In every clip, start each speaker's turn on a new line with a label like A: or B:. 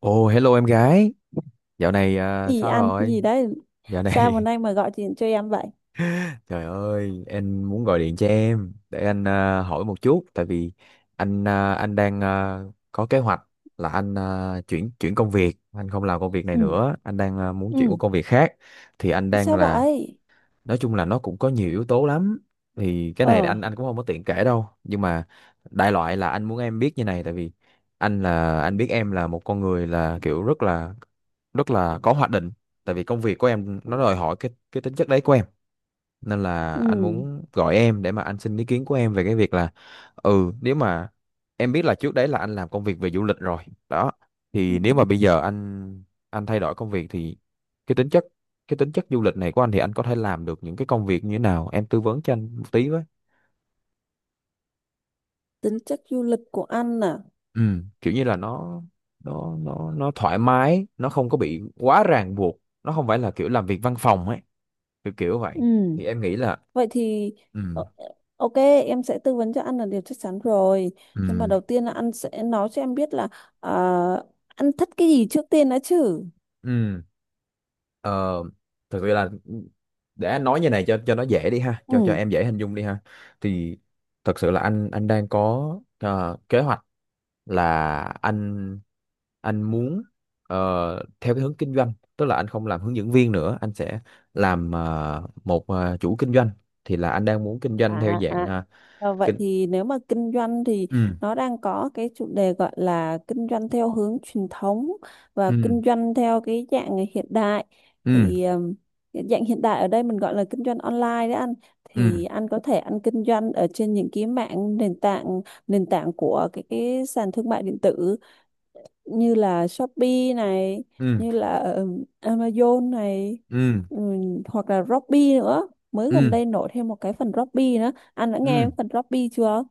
A: Ồ, hello em gái. Dạo này à,
B: Gì
A: sao
B: ăn gì
A: rồi?
B: đấy?
A: Dạo
B: Sao hôm
A: này,
B: nay mà gọi điện cho em vậy?
A: trời ơi, em muốn gọi điện cho em để anh hỏi một chút, tại vì anh đang có kế hoạch là anh chuyển chuyển công việc, anh không làm công việc này
B: ừ
A: nữa, anh đang muốn chuyển qua
B: ừ
A: công việc khác. Thì anh đang
B: Sao
A: là,
B: vậy?
A: Nói chung là nó cũng có nhiều yếu tố lắm. Thì cái này
B: Ờ.
A: anh cũng không có tiện kể đâu, nhưng mà đại loại là anh muốn em biết như này, tại vì anh biết em là một con người là kiểu rất là có hoạch định, tại vì công việc của em nó đòi hỏi cái tính chất đấy của em, nên là
B: Ừ.
A: anh muốn gọi em để mà anh xin ý kiến của em về cái việc là. Ừ, nếu mà em biết là trước đấy là anh làm công việc về du lịch rồi đó,
B: Ừ.
A: thì nếu mà bây giờ anh thay đổi công việc thì cái tính chất cái tính chất du lịch này của anh thì anh có thể làm được những cái công việc như thế nào, em tư vấn cho anh một tí với.
B: Tính chất du lịch của anh à?
A: Ừ, kiểu như là nó thoải mái, nó không có bị quá ràng buộc, nó không phải là kiểu làm việc văn phòng ấy, kiểu kiểu vậy.
B: Ừ.
A: Thì em nghĩ là.
B: Vậy thì
A: Ừ.
B: ờ, ok, em sẽ tư vấn cho anh là điều chắc chắn rồi,
A: Ừ.
B: nhưng mà đầu tiên là anh sẽ nói cho em biết là ờ, anh thích cái gì trước tiên đã chứ.
A: Ừ. ờ, Thực sự là, để nói như này cho nó dễ đi ha, cho
B: Ừ.
A: em dễ hình dung đi ha, thì thật sự là anh đang có kế hoạch là anh muốn theo cái hướng kinh doanh, tức là anh không làm hướng dẫn viên nữa, anh sẽ làm một, chủ kinh doanh. Thì là anh đang muốn kinh doanh theo
B: À,
A: dạng
B: à.
A: ờ,
B: Ờ, vậy
A: kinh
B: thì nếu mà kinh doanh thì
A: ừ.
B: nó đang có cái chủ đề gọi là kinh doanh theo hướng truyền thống và
A: Ừ.
B: kinh doanh theo cái dạng hiện đại.
A: Ừ.
B: Thì cái dạng hiện đại ở đây mình gọi là kinh doanh online đấy anh.
A: Ừ.
B: Thì anh có thể anh kinh doanh ở trên những cái mạng nền tảng, nền tảng của cái sàn thương mại điện tử, như là Shopee này,
A: Ừ.
B: như là Amazon này,
A: Ừ.
B: hoặc là Robby nữa, mới gần
A: Ừ.
B: đây nổi thêm một cái phần Robby nữa. Anh đã
A: Ừ.
B: nghe phần Robby chưa?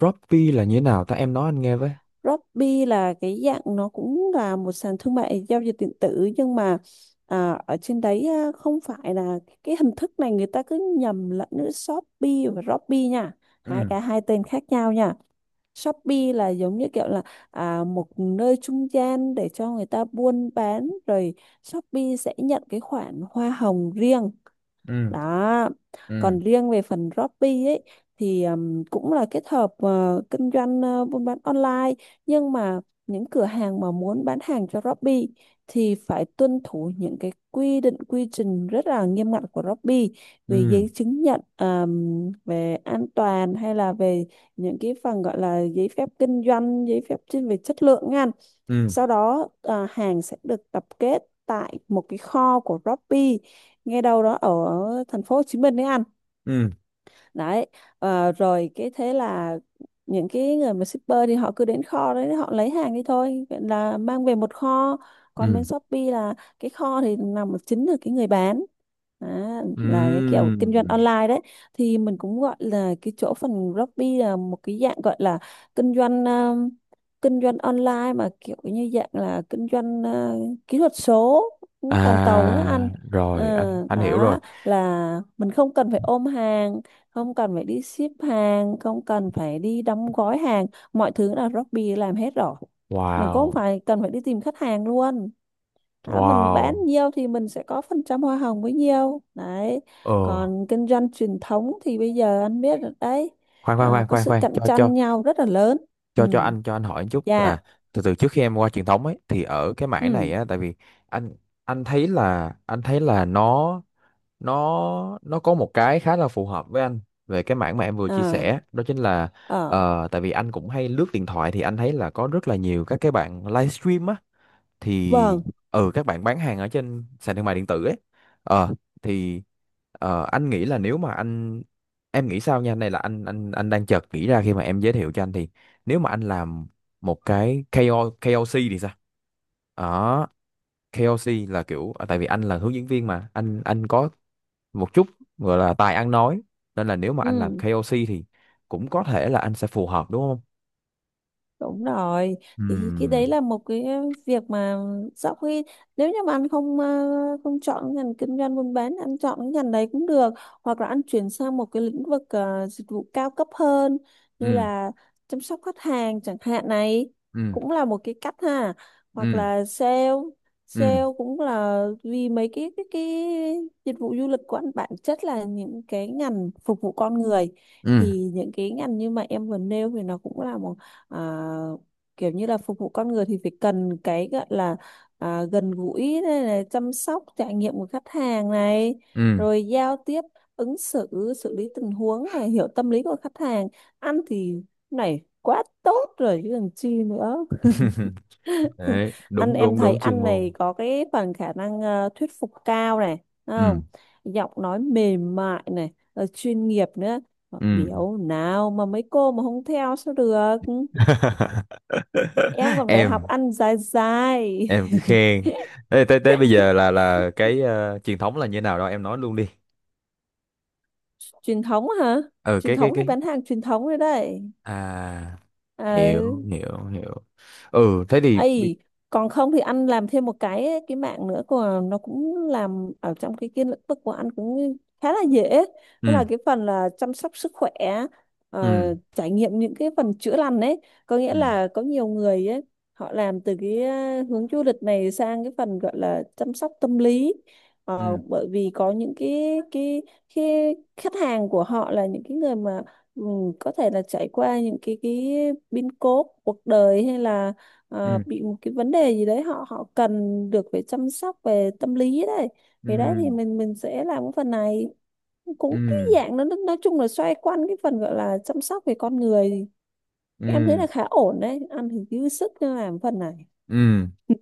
A: Droppy là như thế nào ta, em nói anh nghe với.
B: Robby là cái dạng nó cũng là một sàn thương mại giao dịch điện tử, nhưng mà à, ở trên đấy à, không phải là cái hình thức này. Người ta cứ nhầm lẫn giữa Shopee và Robby nha, hai
A: Ừ.
B: cái hai tên khác nhau nha. Shopee là giống như kiểu là à, một nơi trung gian để cho người ta buôn bán rồi Shopee sẽ nhận cái khoản hoa hồng riêng,
A: Ừ.
B: đó.
A: Ừ.
B: Còn riêng về phần Shopee ấy, thì cũng là kết hợp kinh doanh, buôn bán online, nhưng mà những cửa hàng mà muốn bán hàng cho Shopee thì phải tuân thủ những cái quy định quy trình rất là nghiêm ngặt của Shopee về
A: Ừ.
B: giấy chứng nhận, về an toàn, hay là về những cái phần gọi là giấy phép kinh doanh, giấy phép chuyên về chất lượng nha.
A: Ừ.
B: Sau đó à, hàng sẽ được tập kết tại một cái kho của Shopee, ngay đâu đó ở thành phố Hồ Chí Minh đấy anh.
A: Ừ.
B: Đấy, ờ, rồi cái thế là những cái người mà shipper thì họ cứ đến kho đấy họ lấy hàng đi thôi, vậy là mang về một kho. Còn
A: Ừ.
B: bên Shopee là cái kho thì nằm ở chính là cái người bán. Đó, là cái kiểu
A: Ừ.
B: kinh doanh online đấy. Thì mình cũng gọi là cái chỗ phần Shopee là một cái dạng gọi là kinh doanh, kinh doanh online mà kiểu như dạng là kinh doanh kỹ thuật số toàn cầu á anh.
A: À
B: Ờ,
A: rồi, anh hiểu rồi.
B: đó là mình không cần phải ôm hàng, không cần phải đi ship hàng, không cần phải đi đóng gói hàng, mọi thứ là Shopee làm hết rồi. Mình cũng không
A: Wow.
B: phải cần phải đi tìm khách hàng luôn. Đó, mình bán
A: Wow.
B: nhiều thì mình sẽ có phần trăm hoa hồng bấy nhiều. đấy.
A: Ờ,
B: Còn kinh doanh truyền thống thì bây giờ anh biết rồi đấy,
A: khoan khoan
B: à,
A: khoan
B: có
A: khoan
B: sự
A: khoan,
B: cạnh
A: cho cho
B: tranh nhau rất là lớn. Ừ.
A: cho cho anh cho anh hỏi một chút
B: Dạ.
A: là, từ từ trước khi em qua truyền thống ấy thì ở cái mảng này
B: Ừ.
A: á, tại vì anh, anh thấy là nó, nó có một cái khá là phù hợp với anh về cái mảng mà em vừa chia
B: À.
A: sẻ đó, chính là
B: Ờ.
A: tại vì anh cũng hay lướt điện thoại thì anh thấy là có rất là nhiều các cái bạn livestream á, thì.
B: Vâng.
A: Ừ, các bạn bán hàng ở trên sàn thương mại điện tử ấy. ờ thì anh nghĩ là nếu mà anh em nghĩ sao nha, này là anh đang chợt nghĩ ra khi mà em giới thiệu cho anh, thì nếu mà anh làm một cái ca O ca O KOC thì sao đó. KOC là kiểu tại vì anh là hướng dẫn viên mà anh có một chút gọi là tài ăn nói, nên là nếu mà anh làm
B: Ừ.
A: KOC thì cũng có thể là anh sẽ phù hợp, đúng không?
B: Đúng rồi, thì cái
A: Ừm.
B: đấy là một cái việc mà sau khi, nếu như mà anh không không chọn cái ngành kinh doanh buôn bán, anh chọn cái ngành đấy cũng được, hoặc là anh chuyển sang một cái lĩnh vực dịch vụ cao cấp hơn, như
A: Ừm.
B: là chăm sóc khách hàng chẳng hạn này,
A: Ừm.
B: cũng là một cái cách ha, hoặc
A: Ừm.
B: là sale,
A: Ừm.
B: sale cũng là vì mấy cái cái dịch vụ du lịch của anh bản chất là những cái ngành phục vụ con người.
A: Ừm.
B: Thì những cái ngành như mà em vừa nêu thì nó cũng là một à, kiểu như là phục vụ con người thì phải cần cái gọi là à, gần gũi này, này, chăm sóc trải nghiệm của khách hàng này,
A: Ừm.
B: rồi giao tiếp, ứng xử, xử lý tình huống này, hiểu tâm lý của khách hàng. Ăn thì này quá tốt rồi chứ còn chi nữa.
A: Đấy,
B: Ăn,
A: đúng
B: em
A: đúng
B: thấy
A: đúng chuyên
B: ăn này
A: môn.
B: có cái phần khả năng thuyết phục cao này, đúng không?
A: Ừm.
B: Giọng nói mềm mại này, rồi chuyên nghiệp nữa. Mà
A: Ừm.
B: biểu nào mà mấy cô mà không theo sao được. Em còn phải học
A: Em
B: ăn dài dài.
A: em cứ khen. Ê, tới tới bây giờ là cái truyền thống là như nào đó em nói luôn đi.
B: Truyền thống hả?
A: Ừ,
B: Truyền thống thì
A: cái
B: bán hàng truyền thống rồi đấy.
A: à, hiểu
B: Ừ.
A: hiểu hiểu. Ừ thế thì.
B: Ấy, còn không thì anh làm thêm một cái mạng nữa của nó, cũng làm ở trong cái lĩnh vực của anh cũng khá là dễ. Đó
A: Ừ.
B: là cái phần là chăm sóc sức khỏe,
A: Ừ.
B: ờ, trải nghiệm những cái phần chữa lành ấy, có nghĩa
A: Ừ.
B: là có nhiều người ấy họ làm từ cái hướng du lịch này sang cái phần gọi là chăm sóc tâm lý. Ờ, bởi vì có những cái khách hàng của họ là những cái người mà ừ, có thể là trải qua những cái biến cố cuộc đời, hay là
A: Ừ.
B: bị một cái vấn đề gì đấy, họ họ cần được về chăm sóc về tâm lý đấy.
A: Ừ.
B: Thì đấy thì mình sẽ làm cái phần này, cũng cái
A: Ừ.
B: dạng nói chung là xoay quanh cái phần gọi là chăm sóc về con người. Em thấy
A: Ừ.
B: là khá ổn đấy, ăn thì dư sức nên làm phần này.
A: Ừ.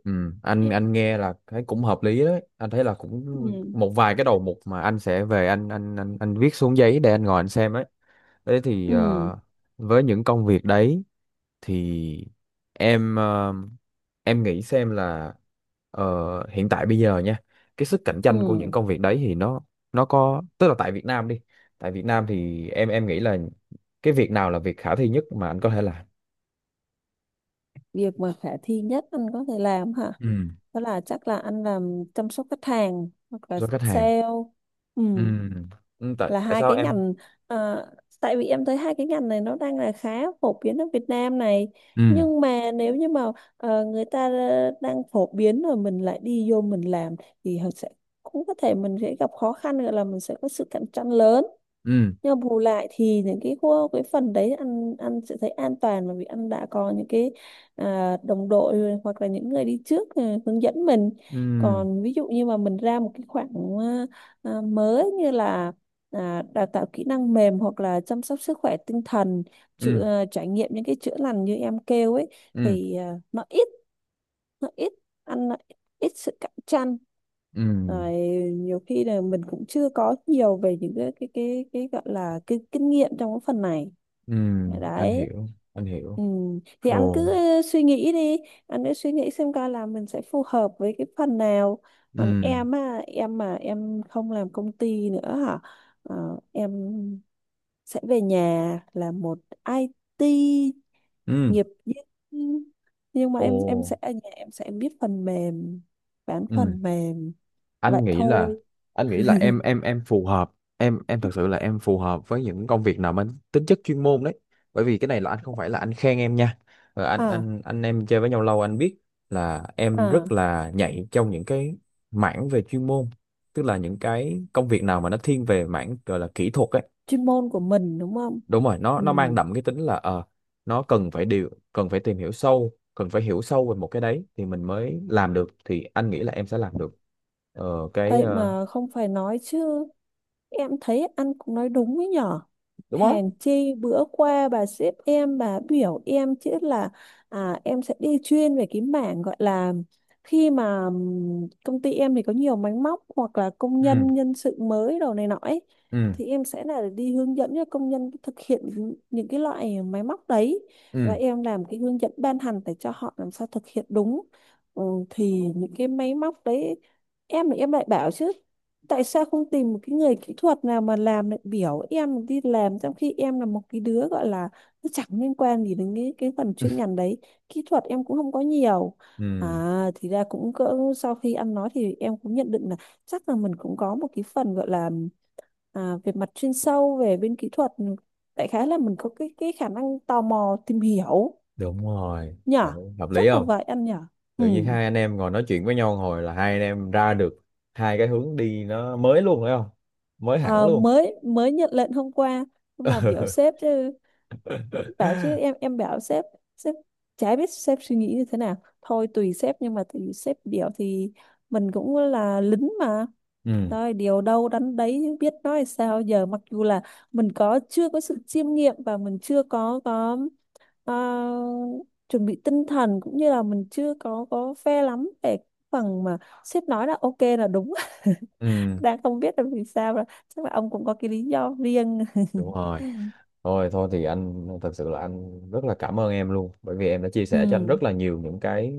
A: Ừ. anh
B: Ừ.
A: anh nghe là thấy cũng hợp lý đấy, anh thấy là cũng một vài cái đầu mục mà anh sẽ về, anh, anh viết xuống giấy để anh ngồi anh xem ấy. Thế thì
B: Ừ.
A: với những công việc đấy thì em ờ, em nghĩ xem là hiện tại bây giờ nha, cái sức cạnh
B: Ừ.
A: tranh của những công việc đấy thì nó có tức là tại Việt Nam đi, tại Việt Nam thì em nghĩ là cái việc nào là việc khả thi nhất mà anh có thể làm.
B: Việc mà khả thi nhất anh có thể làm hả?
A: Ừ.
B: Đó là chắc là anh làm chăm sóc khách hàng hoặc là
A: Cho khách hàng.
B: sale. Ừ,
A: Ừ, ừ, tại
B: là
A: tại
B: hai
A: sao
B: cái
A: em.
B: ngành, ờ, tại vì em thấy hai cái ngành này nó đang là khá phổ biến ở Việt Nam này.
A: Ừ.
B: Nhưng mà nếu như mà người ta đang phổ biến rồi mình lại đi vô mình làm, thì họ sẽ, cũng có thể mình sẽ gặp khó khăn, gọi là mình sẽ có sự cạnh tranh lớn.
A: Ừ.
B: Nhưng mà bù lại thì những cái khu cái phần đấy ăn, ăn sẽ thấy an toàn, bởi vì ăn đã có những cái à, đồng đội rồi, hoặc là những người đi trước à, hướng dẫn mình.
A: Ừ.
B: Còn ví dụ như mà mình ra một cái khoảng à, à, mới, như là à, đào tạo kỹ năng mềm, hoặc là chăm sóc sức khỏe tinh thần,
A: Ừ.
B: chữa, à, trải nghiệm những cái chữa lành như em kêu ấy,
A: Ừ.
B: thì à, nó ít nó ít sự cạnh tranh.
A: Ừ.
B: Rồi, nhiều khi là mình cũng chưa có nhiều về những cái gọi là cái kinh nghiệm trong cái phần này.
A: Ừ.
B: Dạ,
A: Anh
B: đấy.
A: hiểu, anh hiểu.
B: Ừ. Thì anh
A: Ồ.
B: cứ suy nghĩ đi, anh cứ suy nghĩ xem coi là mình sẽ phù hợp với cái phần nào. Còn
A: Ừ.
B: em á, em mà em không làm công ty nữa hả? Ờ, em sẽ về nhà làm một IT
A: Ừ.
B: nghiệp, nhưng nhưng mà
A: Ồ.
B: em sẽ ở nhà em sẽ biết phần mềm, bán
A: Ừ,
B: phần mềm, vậy
A: anh nghĩ là
B: thôi.
A: anh nghĩ là em phù hợp, em thật sự là em phù hợp với những công việc nào mang tính chất chuyên môn đấy, bởi vì cái này là anh không phải là anh khen em nha. Ờ, anh
B: À,
A: anh anh em chơi với nhau lâu anh biết là em
B: à,
A: rất là nhạy trong những cái mảng về chuyên môn, tức là những cái công việc nào mà nó thiên về mảng gọi là kỹ thuật ấy.
B: chuyên môn của mình đúng không?
A: Đúng rồi, nó
B: Ừ.
A: nó mang đậm cái tính là. Ờ nó cần phải tìm hiểu sâu, cần phải hiểu sâu về một cái đấy thì mình mới làm được, thì anh nghĩ là em sẽ làm được ờ, cái
B: Ấy
A: ờ,
B: mà không phải nói chứ, em thấy anh cũng nói đúng ấy nhở.
A: đúng không.
B: Hèn chi bữa qua bà sếp em bà biểu em chứ là à, em sẽ đi chuyên về cái mảng gọi là, khi mà công ty em thì có nhiều máy móc, hoặc là công
A: Ừ.
B: nhân, nhân sự mới đồ này nọ ấy,
A: Ừ.
B: thì em sẽ là đi hướng dẫn cho công nhân thực hiện những cái loại máy móc đấy, và
A: Ừ.
B: em làm cái hướng dẫn ban hành để cho họ làm sao thực hiện đúng. Ừ, thì những cái máy móc đấy, em thì em lại bảo chứ, tại sao không tìm một cái người kỹ thuật nào mà làm lại biểu em đi làm, trong khi em là một cái đứa gọi là nó chẳng liên quan gì đến cái phần chuyên ngành đấy, kỹ thuật em cũng không có nhiều.
A: Ừ.
B: À thì ra cũng cỡ sau khi ăn nói thì em cũng nhận định là chắc là mình cũng có một cái phần gọi là à, về mặt chuyên sâu về bên kỹ thuật, đại khái là mình có cái khả năng tò mò tìm hiểu.
A: Đúng rồi.
B: Nhở?
A: Đấy, hợp lý
B: Chắc là
A: không?
B: vậy anh nhở. Ừ,
A: Tự nhiên hai anh em ngồi nói chuyện với nhau hồi là hai anh em ra được hai cái hướng đi nó mới luôn, phải không? Mới hẳn
B: à,
A: luôn.
B: mới mới nhận lệnh hôm qua. Mà biểu sếp chứ, bảo chứ, em bảo sếp. Sếp chả biết sếp suy nghĩ như thế nào, thôi tùy sếp, nhưng mà tùy sếp biểu thì mình cũng là lính mà,
A: Ừ.
B: rồi điều đâu đánh đấy chứ biết nói sao giờ. Mặc dù là mình có chưa có sự chiêm nghiệm, và mình chưa có ờ, chuẩn bị tinh thần, cũng như là mình chưa có phe lắm về cái phần mà sếp nói là ok là đúng.
A: Ừ.
B: Đang không biết là vì sao, rồi chắc là ông cũng có cái lý do riêng.
A: Đúng rồi. Thôi, thôi thì anh thật sự là anh rất là cảm ơn em luôn, bởi vì em đã chia
B: Ừ.
A: sẻ cho anh rất là nhiều những cái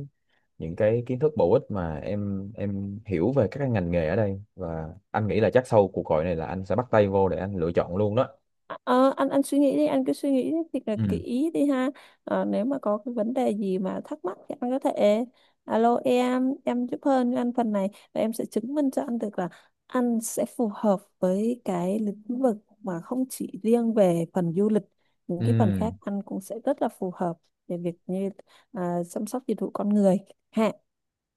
A: những cái kiến thức bổ ích mà em hiểu về các cái ngành nghề ở đây, và anh nghĩ là chắc sau cuộc gọi này là anh sẽ bắt tay vô để anh lựa chọn luôn đó.
B: Ờ, anh suy nghĩ đi, anh cứ suy nghĩ thiệt là
A: Ừ.
B: kỹ đi ha. Ờ, nếu mà có cái vấn đề gì mà thắc mắc thì anh có thể alo em giúp hơn cho anh phần này, và em sẽ chứng minh cho anh được là anh sẽ phù hợp với cái lĩnh vực mà không chỉ riêng về phần du lịch, những cái phần
A: Ừ.
B: khác anh cũng sẽ rất là phù hợp, về việc như à, chăm sóc dịch vụ con người, ha.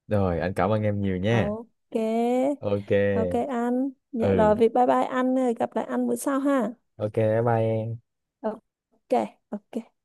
A: Rồi, anh cảm ơn em nhiều nha.
B: Ok.
A: Ok.
B: Ok anh, dạ rồi
A: Ừ.
B: vậy, bye bye, anh gặp lại anh bữa sau ha.
A: Ok, bye bye em.
B: Ok. Ok.